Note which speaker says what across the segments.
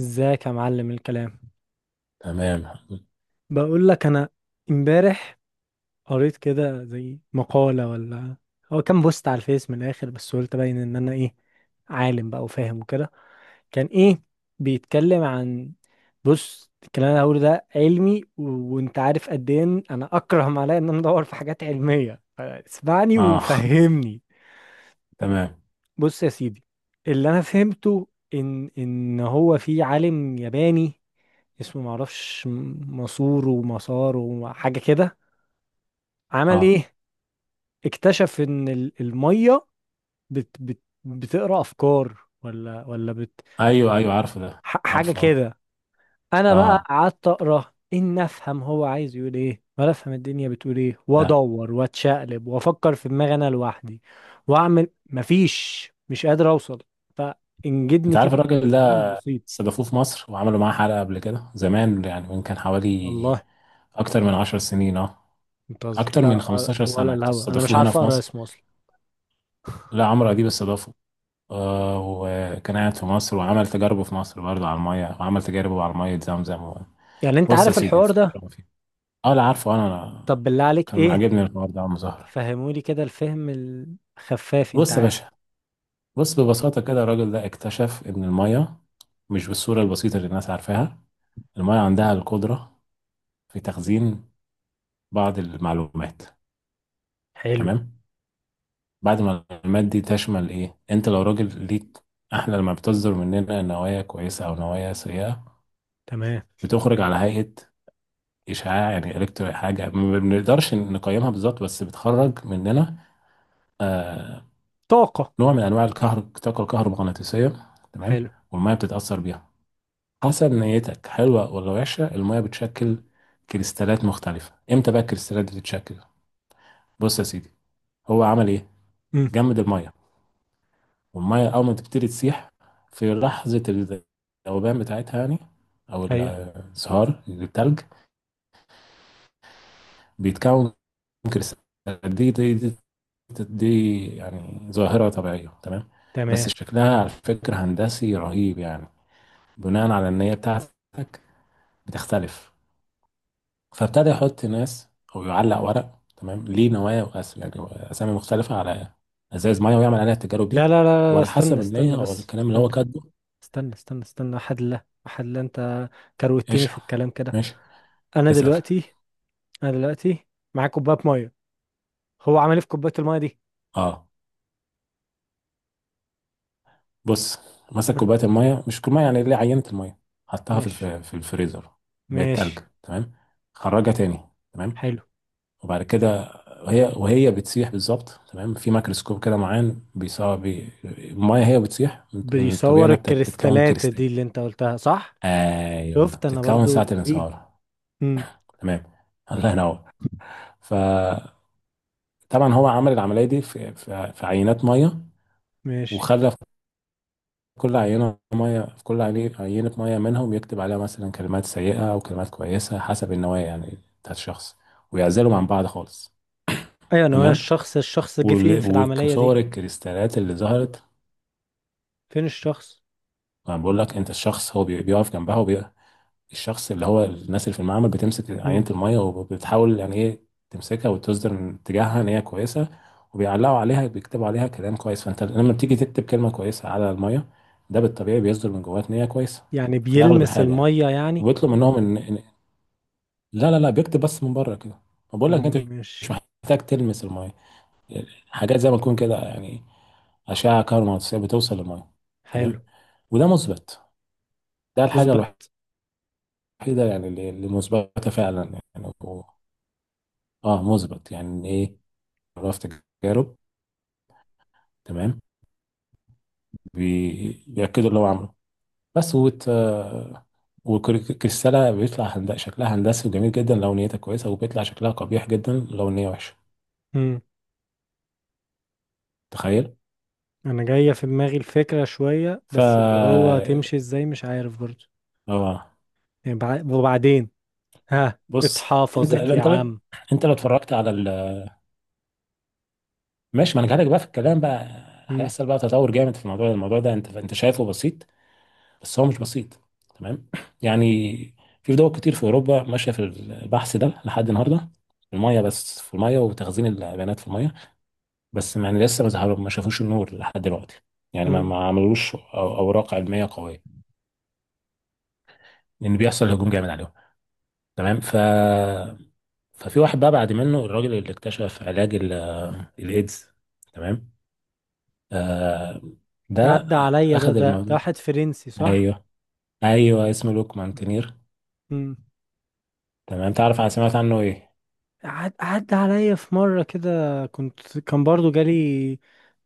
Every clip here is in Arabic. Speaker 1: ازيك يا معلم الكلام؟
Speaker 2: تمام.
Speaker 1: بقول لك انا امبارح قريت كده زي مقالة ولا هو كان بوست على الفيس. من الاخر بس قلت باين ان انا ايه، عالم بقى وفاهم وكده. كان ايه بيتكلم عن، بص الكلام اللي هقوله ده علمي و... وانت عارف قد ايه إن انا اكره ما عليا ان انا ادور في حاجات علمية. اسمعني
Speaker 2: اه.
Speaker 1: وفهمني.
Speaker 2: تمام.
Speaker 1: بص يا سيدي، اللي انا فهمته ان هو في عالم ياباني اسمه معرفش مسور ومسار وحاجة كده. عمل
Speaker 2: اه.
Speaker 1: ايه؟ اكتشف ان المية بت بت بتقرا افكار ولا بت،
Speaker 2: ايوه، ايوه، عارفه ده.
Speaker 1: حاجة
Speaker 2: عارفه، اه.
Speaker 1: كده. انا بقى
Speaker 2: اه.
Speaker 1: قعدت اقرا ان افهم هو عايز يقول ايه، ولا افهم الدنيا بتقول ايه،
Speaker 2: لا.
Speaker 1: وادور واتشقلب وافكر في دماغي انا لوحدي واعمل، مفيش، مش قادر اوصل.
Speaker 2: انت
Speaker 1: فانجدني
Speaker 2: عارف
Speaker 1: كده
Speaker 2: الراجل ده؟
Speaker 1: الكلام البسيط.
Speaker 2: استضافوه في مصر وعملوا معاه حلقة قبل كده زمان، يعني من كان حوالي
Speaker 1: والله؟
Speaker 2: اكتر من 10 سنين. اه،
Speaker 1: بتهزر
Speaker 2: اكتر من
Speaker 1: لا
Speaker 2: 15
Speaker 1: ولا
Speaker 2: سنة
Speaker 1: الهوا، انا مش
Speaker 2: استضافوه هنا
Speaker 1: عارف
Speaker 2: في
Speaker 1: اقرا
Speaker 2: مصر.
Speaker 1: اسمه اصلا.
Speaker 2: لا، عمرو اديب استضافه. آه، وكان قاعد في مصر وعمل تجاربه في مصر برضه على المية، وعمل تجاربه على مية زمزم و...
Speaker 1: يعني انت
Speaker 2: بص يا
Speaker 1: عارف
Speaker 2: سيدي،
Speaker 1: الحوار ده؟
Speaker 2: الفكرة ما فيه. اه، لا، عارفه انا. أنا
Speaker 1: طب بالله عليك،
Speaker 2: كان
Speaker 1: ايه؟
Speaker 2: عاجبني الحوار ده يا عم زهر.
Speaker 1: فهمولي كده الفهم الخفاف، انت
Speaker 2: بص يا
Speaker 1: عارف.
Speaker 2: باشا. بص، ببساطة كده، الراجل ده اكتشف إن المية مش بالصورة البسيطة اللي الناس عارفاها. المية عندها القدرة في تخزين بعض المعلومات.
Speaker 1: حلو.
Speaker 2: تمام. بعد ما المعلومات دي تشمل إيه، أنت لو راجل ليك، إحنا لما بتصدر مننا نوايا كويسة أو نوايا سيئة،
Speaker 1: تمام.
Speaker 2: بتخرج على هيئة إشعاع، يعني إلكترو حاجة ما بنقدرش نقيمها بالظبط، بس بتخرج مننا. آه.
Speaker 1: طاقة.
Speaker 2: نوع من أنواع الطاقة الكهرومغناطيسية. تمام،
Speaker 1: حلو.
Speaker 2: والمية بتتأثر بيها حسب نيتك، حلوة ولا وحشة، المية بتشكل كريستالات مختلفة. امتى بقى الكريستالات دي تتشكل؟ بص يا سيدي، هو عمل ايه؟
Speaker 1: امم.
Speaker 2: جمد المية، والمية اول ما تبتدي تسيح في لحظة الذوبان بتاعتها، يعني او
Speaker 1: ايوه.
Speaker 2: الانصهار، التلج بيتكون كريستالات دي يعني ظاهرة طبيعية. تمام، بس
Speaker 1: تمام.
Speaker 2: شكلها على فكرة هندسي رهيب، يعني بناء على النية بتاعتك بتختلف. فابتدى يحط ناس او يعلق ورق، تمام، ليه نوايا واسم، يعني اسامي مختلفه على ازايز ميه ويعمل عليها التجارب
Speaker 1: لا
Speaker 2: دي،
Speaker 1: لا لا لا،
Speaker 2: وعلى
Speaker 1: استنى
Speaker 2: حسب
Speaker 1: استنى
Speaker 2: النيه او
Speaker 1: بس،
Speaker 2: الكلام اللي هو
Speaker 1: استنى
Speaker 2: كاتبه.
Speaker 1: استنى استنى استنى وحد لا وحد لا، انت كروتني في
Speaker 2: اشرب.
Speaker 1: الكلام كده.
Speaker 2: ماشي.
Speaker 1: انا
Speaker 2: اسال.
Speaker 1: دلوقتي، انا دلوقتي معايا كوباية مية، هو عمل ايه في كوباية المية دي؟
Speaker 2: اه. بص، مسك
Speaker 1: مه.
Speaker 2: كوبايه الميه، مش كوبايه يعني اللي عينه الميه، حطها
Speaker 1: ماشي.
Speaker 2: في الفريزر. بقت تلج.
Speaker 1: ماشي.
Speaker 2: تمام، خرجها تاني. تمام.
Speaker 1: حلو.
Speaker 2: وبعد كده هي، وهي بتسيح بالظبط، تمام، في ميكروسكوب كده معين الميه هي بتسيح من الطبيعه
Speaker 1: بيصور
Speaker 2: انها بتكون
Speaker 1: الكريستالات
Speaker 2: كريستال.
Speaker 1: دي اللي انت قلتها، صح؟
Speaker 2: ايوه،
Speaker 1: شفت انا
Speaker 2: بتتكون ساعة
Speaker 1: برضو نبيه.
Speaker 2: الانصهار.
Speaker 1: امم.
Speaker 2: تمام. الله ينور. فطبعا، هو عمل العملية دي في عينات مية،
Speaker 1: ماشي.
Speaker 2: وخلى في كل عينة مية، في كل عينة مية منهم يكتب عليها مثلا كلمات سيئة أو كلمات كويسة حسب النوايا، يعني بتاعت الشخص، ويعزلهم عن بعض خالص.
Speaker 1: ايوه انا، هو
Speaker 2: تمام،
Speaker 1: الشخص، الشخص جه فين
Speaker 2: وال-
Speaker 1: في العملية
Speaker 2: وصور
Speaker 1: دي؟
Speaker 2: الكريستالات اللي ظهرت.
Speaker 1: فين الشخص؟
Speaker 2: ما بقول لك أنت الشخص، هو بيقف جنبها. الشخص اللي هو الناس اللي في المعمل بتمسك عينة
Speaker 1: مم.
Speaker 2: المية وبتحاول، يعني ايه، تمسكها وتصدر من اتجاهها ان هي كويسة، وبيعلقوا عليها بيكتبوا عليها كلام كويس. فانت لما بتيجي تكتب كلمة كويسة على المية، ده بالطبيعي بيصدر من جواك ان هي كويسة،
Speaker 1: يعني
Speaker 2: في الأغلب
Speaker 1: بيلمس
Speaker 2: الحال يعني.
Speaker 1: المية يعني؟
Speaker 2: وبيطلب منهم لا، لا، لا، بيكتب بس من بره كده. بقول لك انت مش
Speaker 1: ماشي.
Speaker 2: محتاج تلمس المية، حاجات زي ما تكون كده، يعني أشعة كهرومغناطيسية بتوصل للمية.
Speaker 1: حلو.
Speaker 2: تمام، وده مثبت. ده الحاجة
Speaker 1: مثبت؟
Speaker 2: الوحيدة يعني اللي مثبتة فعلا يعني. اه، مثبت يعني ايه؟ عرف تجارب، تمام، بيأكدوا اللي هو عمله، بس والكريستالة بيطلع شكلها هندسي وجميل جدا لو نيتها كويسة، وبيطلع شكلها قبيح جدا لو النية وحشة.
Speaker 1: مم.
Speaker 2: تخيل.
Speaker 1: انا جاية في دماغي الفكرة شوية،
Speaker 2: ف
Speaker 1: بس اللي هو تمشي ازاي مش عارف برضه.
Speaker 2: اه
Speaker 1: يعني وبعدين ها
Speaker 2: بص، انت
Speaker 1: اتحافظت يا
Speaker 2: انت
Speaker 1: عم؟
Speaker 2: انت لو اتفرجت على ماشي، ما انا جالك بقى في الكلام بقى،
Speaker 1: مم.
Speaker 2: هيحصل بقى تطور جامد في الموضوع ده، انت شايفه بسيط، بس هو مش بسيط. تمام. يعني في دول كتير في اوروبا ماشيه في البحث ده لحد النهارده، في الميه، بس في الميه وتخزين البيانات في الميه. بس يعني لسه ما ظهروا ما شافوش النور لحد دلوقتي، يعني ما
Speaker 1: مم.
Speaker 2: ما عملوش اوراق علميه قويه، لان بيحصل هجوم جامد عليهم. تمام. ففي واحد بقى بعد منه، الراجل اللي اكتشف علاج الايدز. تمام. آه. ده
Speaker 1: عدى عليا، ده
Speaker 2: اخذ
Speaker 1: ده ده
Speaker 2: الموضوع.
Speaker 1: واحد فرنسي، صح؟
Speaker 2: ايوه، ايوه، اسمه لوك مانتينير.
Speaker 1: مم.
Speaker 2: تمام، تعرف سمعت عنه ايه؟
Speaker 1: عدى عليا في مرة كده، كنت كان برضو جالي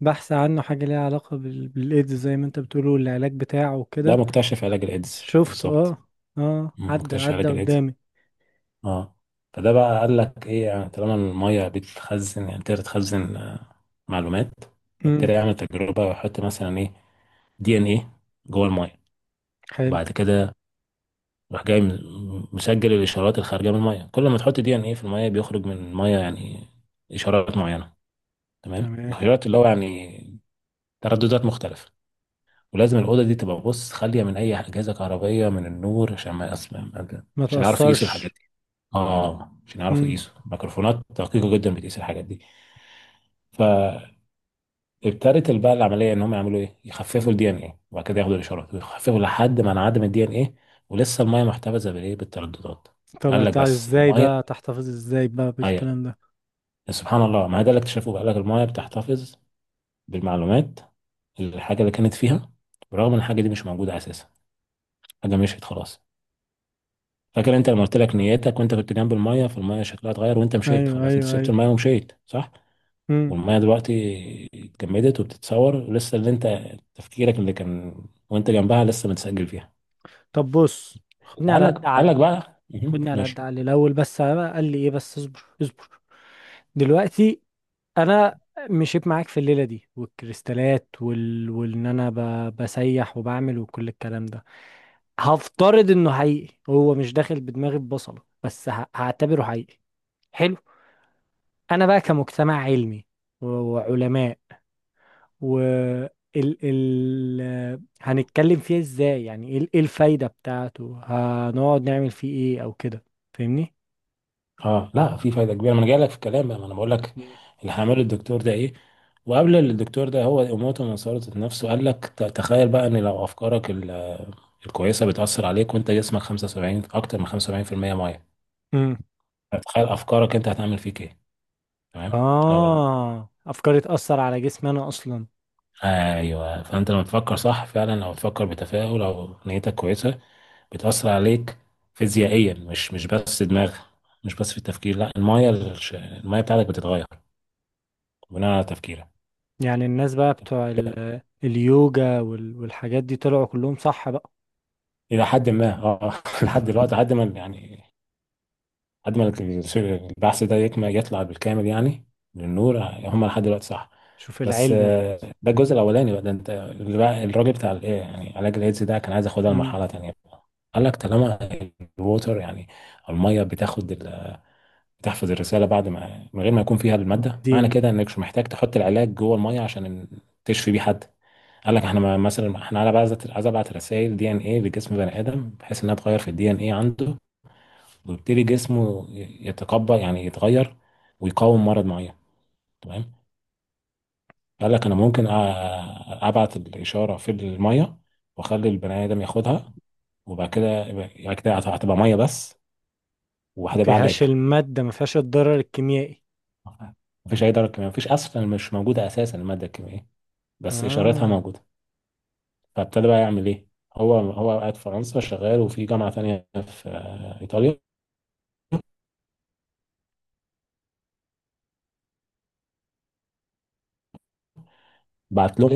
Speaker 1: بحث عنه، حاجة ليها علاقة بالإيدز زي ما انت بتقوله، والعلاج بتاعه
Speaker 2: ده
Speaker 1: وكده.
Speaker 2: مكتشف علاج الايدز
Speaker 1: شفته،
Speaker 2: بالظبط.
Speaker 1: اه. اه،
Speaker 2: مم،
Speaker 1: عدى
Speaker 2: مكتشف
Speaker 1: عدى
Speaker 2: علاج الايدز.
Speaker 1: قدامي.
Speaker 2: اه. فده بقى قال لك ايه، يعني طالما الميه بتخزن، يعني تقدر تخزن، آه، معلومات.
Speaker 1: امم.
Speaker 2: فابتدى يعمل تجربه ويحط مثلا ايه، دي ان ايه، جوه الميه،
Speaker 1: حلو.
Speaker 2: وبعد كده راح جاي مسجل الاشارات الخارجه من الميه. كل ما تحط دي ان ايه في الميه، بيخرج من الميه يعني اشارات معينه، تمام،
Speaker 1: تمام.
Speaker 2: الاشارات اللي هو يعني ترددات مختلفه. ولازم الأوضة دي تبقى، بص، خالية من أي أجهزة كهربائية من النور عشان ما أسمع،
Speaker 1: ما
Speaker 2: عشان يعرفوا يقيسوا الحاجات
Speaker 1: تأثرش.
Speaker 2: دي. اه، عشان يعرفوا
Speaker 1: امم.
Speaker 2: يقيسوا، ميكروفونات دقيقة جدا بتقيس الحاجات دي. فابتدت بقى العملية إن هم يعملوا إيه، يخففوا الدي إن إيه، وبعد كده ياخدوا الإشارات ويخففوا لحد ما انعدم الدي إن إيه، ولسه المية محتفظة بالإيه، بالترددات.
Speaker 1: طب
Speaker 2: فقال لك بس
Speaker 1: ازاي
Speaker 2: المية،
Speaker 1: بقى تحتفظ ازاي بقى
Speaker 2: أيوة
Speaker 1: بالكلام ده؟
Speaker 2: سبحان الله، ما هو ده اللي اكتشفوه بقى. قال لك المية بتحتفظ بالمعلومات، الحاجة اللي كانت فيها، برغم إن الحاجة دي مش موجودة أساسا، حاجة مشيت خلاص. فاكر انت لما قلت لك نيتك وانت كنت جنب المايه، فالمايه شكلها اتغير، وانت مشيت
Speaker 1: ايوه
Speaker 2: خلاص، انت
Speaker 1: ايوه
Speaker 2: سبت
Speaker 1: ايوه.
Speaker 2: المايه ومشيت صح،
Speaker 1: امم.
Speaker 2: والمايه دلوقتي اتجمدت، وبتتصور لسه اللي انت، تفكيرك اللي كان وانت جنبها، لسه متسجل فيها.
Speaker 1: طب بص، خدني
Speaker 2: قال
Speaker 1: على قد
Speaker 2: لك قال
Speaker 1: عقل،
Speaker 2: لك بقى مهم.
Speaker 1: خدني على قد
Speaker 2: ماشي.
Speaker 1: عقل الاول بس، بقى قال لي ايه بس؟ اصبر اصبر. دلوقتي انا مشيت معاك في الليله دي، والكريستالات وال... وان انا ب... بسيح وبعمل وكل الكلام ده، هفترض انه حقيقي، هو مش داخل بدماغي، ببصله بس، هعتبره حقيقي. حلو. انا بقى كمجتمع علمي و وعلماء و ال هنتكلم فيه ازاي؟ يعني ايه إيه الفايدة بتاعته؟ هنقعد نعمل فيه ايه او كده؟ فاهمني؟
Speaker 2: اه، لا في فايده كبيره، ما انا جاي لك في الكلام بقى، ما انا بقول لك اللي هعمله الدكتور ده ايه. وقبل الدكتور ده هو اموته من سلطة نفسه، قال لك تخيل بقى، ان لو افكارك الكويسه بتاثر عليك وانت جسمك 75، اكتر من 75% ميه،
Speaker 1: امم.
Speaker 2: تخيل افكارك انت هتعمل فيك ايه. تمام. لو ال-
Speaker 1: اه، افكاري تأثر على جسمي انا اصلا؟
Speaker 2: ايوه، فانت لما تفكر صح، فعلا لو تفكر بتفاؤل او نيتك كويسه بتاثر عليك فيزيائيا، مش بس دماغ، مش بس في التفكير، لا، المايه بتاعتك بتتغير بناء على تفكيرك،
Speaker 1: يعني الناس بقى بتوع اليوجا والحاجات دي طلعوا كلهم صح بقى؟
Speaker 2: الى حد ما، اه. لحد دلوقتي، لحد ما يعني، لحد ما البحث ده يكمل يطلع بالكامل يعني للنور. هم لحد دلوقتي صح.
Speaker 1: شوف
Speaker 2: بس
Speaker 1: العلم برضه.
Speaker 2: آه، ده الجزء الاولاني بقى. ده انت اللي بقى، الراجل بتاع الايه، يعني علاج الايدز ده، كان عايز ياخدها لمرحله تانيه بقى. قال لك طالما الووتر، يعني الميه، بتاخد بتحفظ الرساله بعد ما، من غير ما يكون فيها الماده، معنى
Speaker 1: امم.
Speaker 2: كده انك مش محتاج تحط العلاج جوه الميه عشان تشفي بيه حد. قال لك احنا مثلا احنا عايز ابعت رسائل دي ان ايه لجسم بني ادم، بحيث انها تغير في الدي ان ايه عنده، ويبتدي جسمه يتقبل يعني يتغير ويقاوم مرض معين. تمام. قال لك انا ممكن ابعت الاشاره في الميه، واخلي البني ادم ياخدها، وبعد كده يعني كده هتبقى ميه بس،
Speaker 1: ما
Speaker 2: وهتبقى
Speaker 1: فيهاش
Speaker 2: علاج.
Speaker 1: المادة، ما فيهاش الضرر الكيميائي.
Speaker 2: مفيش اي درجه كيميائيه، مفيش اصلا، مش موجوده اساسا الماده الكيميائيه، بس اشارتها
Speaker 1: آه.
Speaker 2: موجوده. فابتدى بقى يعمل ايه. هو قاعد في فرنسا شغال، وفي جامعه تانية في آه، ايطاليا، بعت له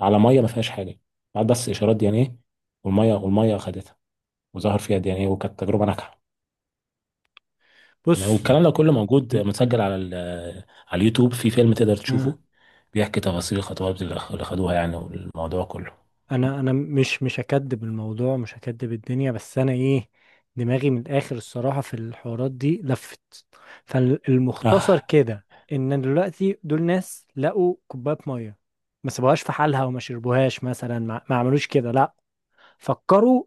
Speaker 2: على ميه ما فيهاش حاجه، بعت بس اشارات دي يعني ايه، والميه خدتها، وظهر فيها دي يعني، وكانت تجربة ناجحة. تمام،
Speaker 1: بص
Speaker 2: والكلام ده كله موجود
Speaker 1: ال... ال...
Speaker 2: متسجل على اليوتيوب في فيلم تقدر
Speaker 1: آه.
Speaker 2: تشوفه، بيحكي تفاصيل الخطوات اللي خدوها يعني، والموضوع كله.
Speaker 1: أنا مش هكدب الموضوع، مش هكدب الدنيا، بس أنا إيه، دماغي من الآخر الصراحة في الحوارات دي لفت. فالمختصر
Speaker 2: اه،
Speaker 1: كده، إن دلوقتي دول ناس لقوا كوباية مية، ما سابوهاش في حالها وما شربوهاش مثلا، ما عملوش كده، لا، فكروا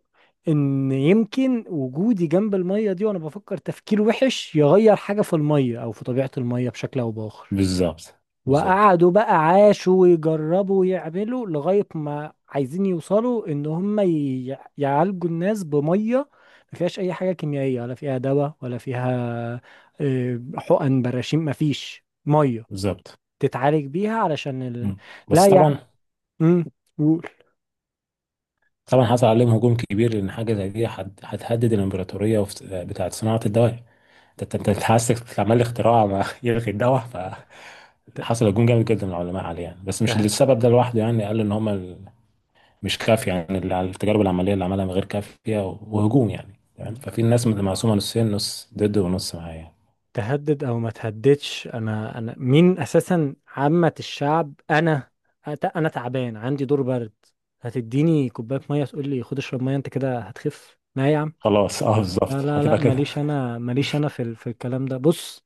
Speaker 1: ان يمكن وجودي جنب المية دي وانا بفكر تفكير وحش يغير حاجة في المية او في طبيعة المية بشكل او باخر.
Speaker 2: بالظبط، بالظبط،
Speaker 1: وقعدوا بقى عاشوا ويجربوا ويعملوا لغاية ما عايزين يوصلوا ان هم يعالجوا الناس بمية ما فيهاش اي حاجة كيميائية، ولا فيها دواء، ولا فيها آه، حقن براشيم، ما فيش مية
Speaker 2: بالظبط.
Speaker 1: تتعالج بيها علشان ال...
Speaker 2: مم.
Speaker 1: لا
Speaker 2: بس
Speaker 1: يا عم.
Speaker 2: طبعا،
Speaker 1: مم، قول.
Speaker 2: طبعا حصل عليهم هجوم كبير، لان حاجه زي دي هتهدد الامبراطوريه، بتاعه صناعه الدواء. انت حاسس عمال اختراع ما يلغي الدواء.
Speaker 1: ت-
Speaker 2: فحصل هجوم جامد جدا من العلماء عليه يعني، بس مش للسبب ده لوحده يعني، قالوا ان هم مش كافية، يعني التجارب العملية اللي عملها غير كافية و- وهجوم يعني،
Speaker 1: ت-
Speaker 2: تمام. ففي الناس مقسومة نصين، نص ضد ونص معايا يعني.
Speaker 1: تهدد او ما تهددش، انا انا مين اساسا؟ عامة الشعب انا، انا تعبان عندي دور برد، هتديني كوباية مية تقول لي خد اشرب مية انت كده هتخف؟ لا يا عم.
Speaker 2: خلاص. اه، بالظبط،
Speaker 1: لا لا لا،
Speaker 2: هتبقى كده.
Speaker 1: ماليش انا، ماليش انا في في الكلام ده. بص،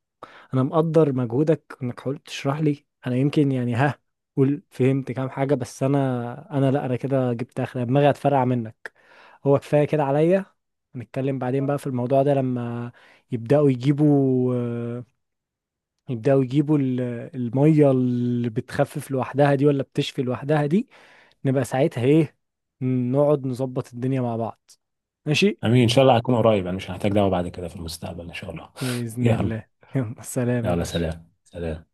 Speaker 1: انا مقدر مجهودك انك حاولت تشرح لي، انا يمكن يعني ها، قول فهمت كام حاجة، بس انا انا لا، انا كده جبت اخر دماغي، هتفرقع منك. هو كفاية كده عليا. نتكلم بعدين بقى في الموضوع ده، لما يبدأوا يجيبوا، يبداوا يجيبوا الميه اللي بتخفف لوحدها دي، ولا بتشفي لوحدها دي. نبقى ساعتها ايه، نقعد نظبط الدنيا مع بعض. ماشي.
Speaker 2: امين ان شاء الله، هكون قريب، انا مش هحتاج دعوة بعد كده في المستقبل ان شاء الله.
Speaker 1: بإذن
Speaker 2: يلا.
Speaker 1: الله. يلا سلام يا
Speaker 2: يلا
Speaker 1: باشا.
Speaker 2: سلام سلام.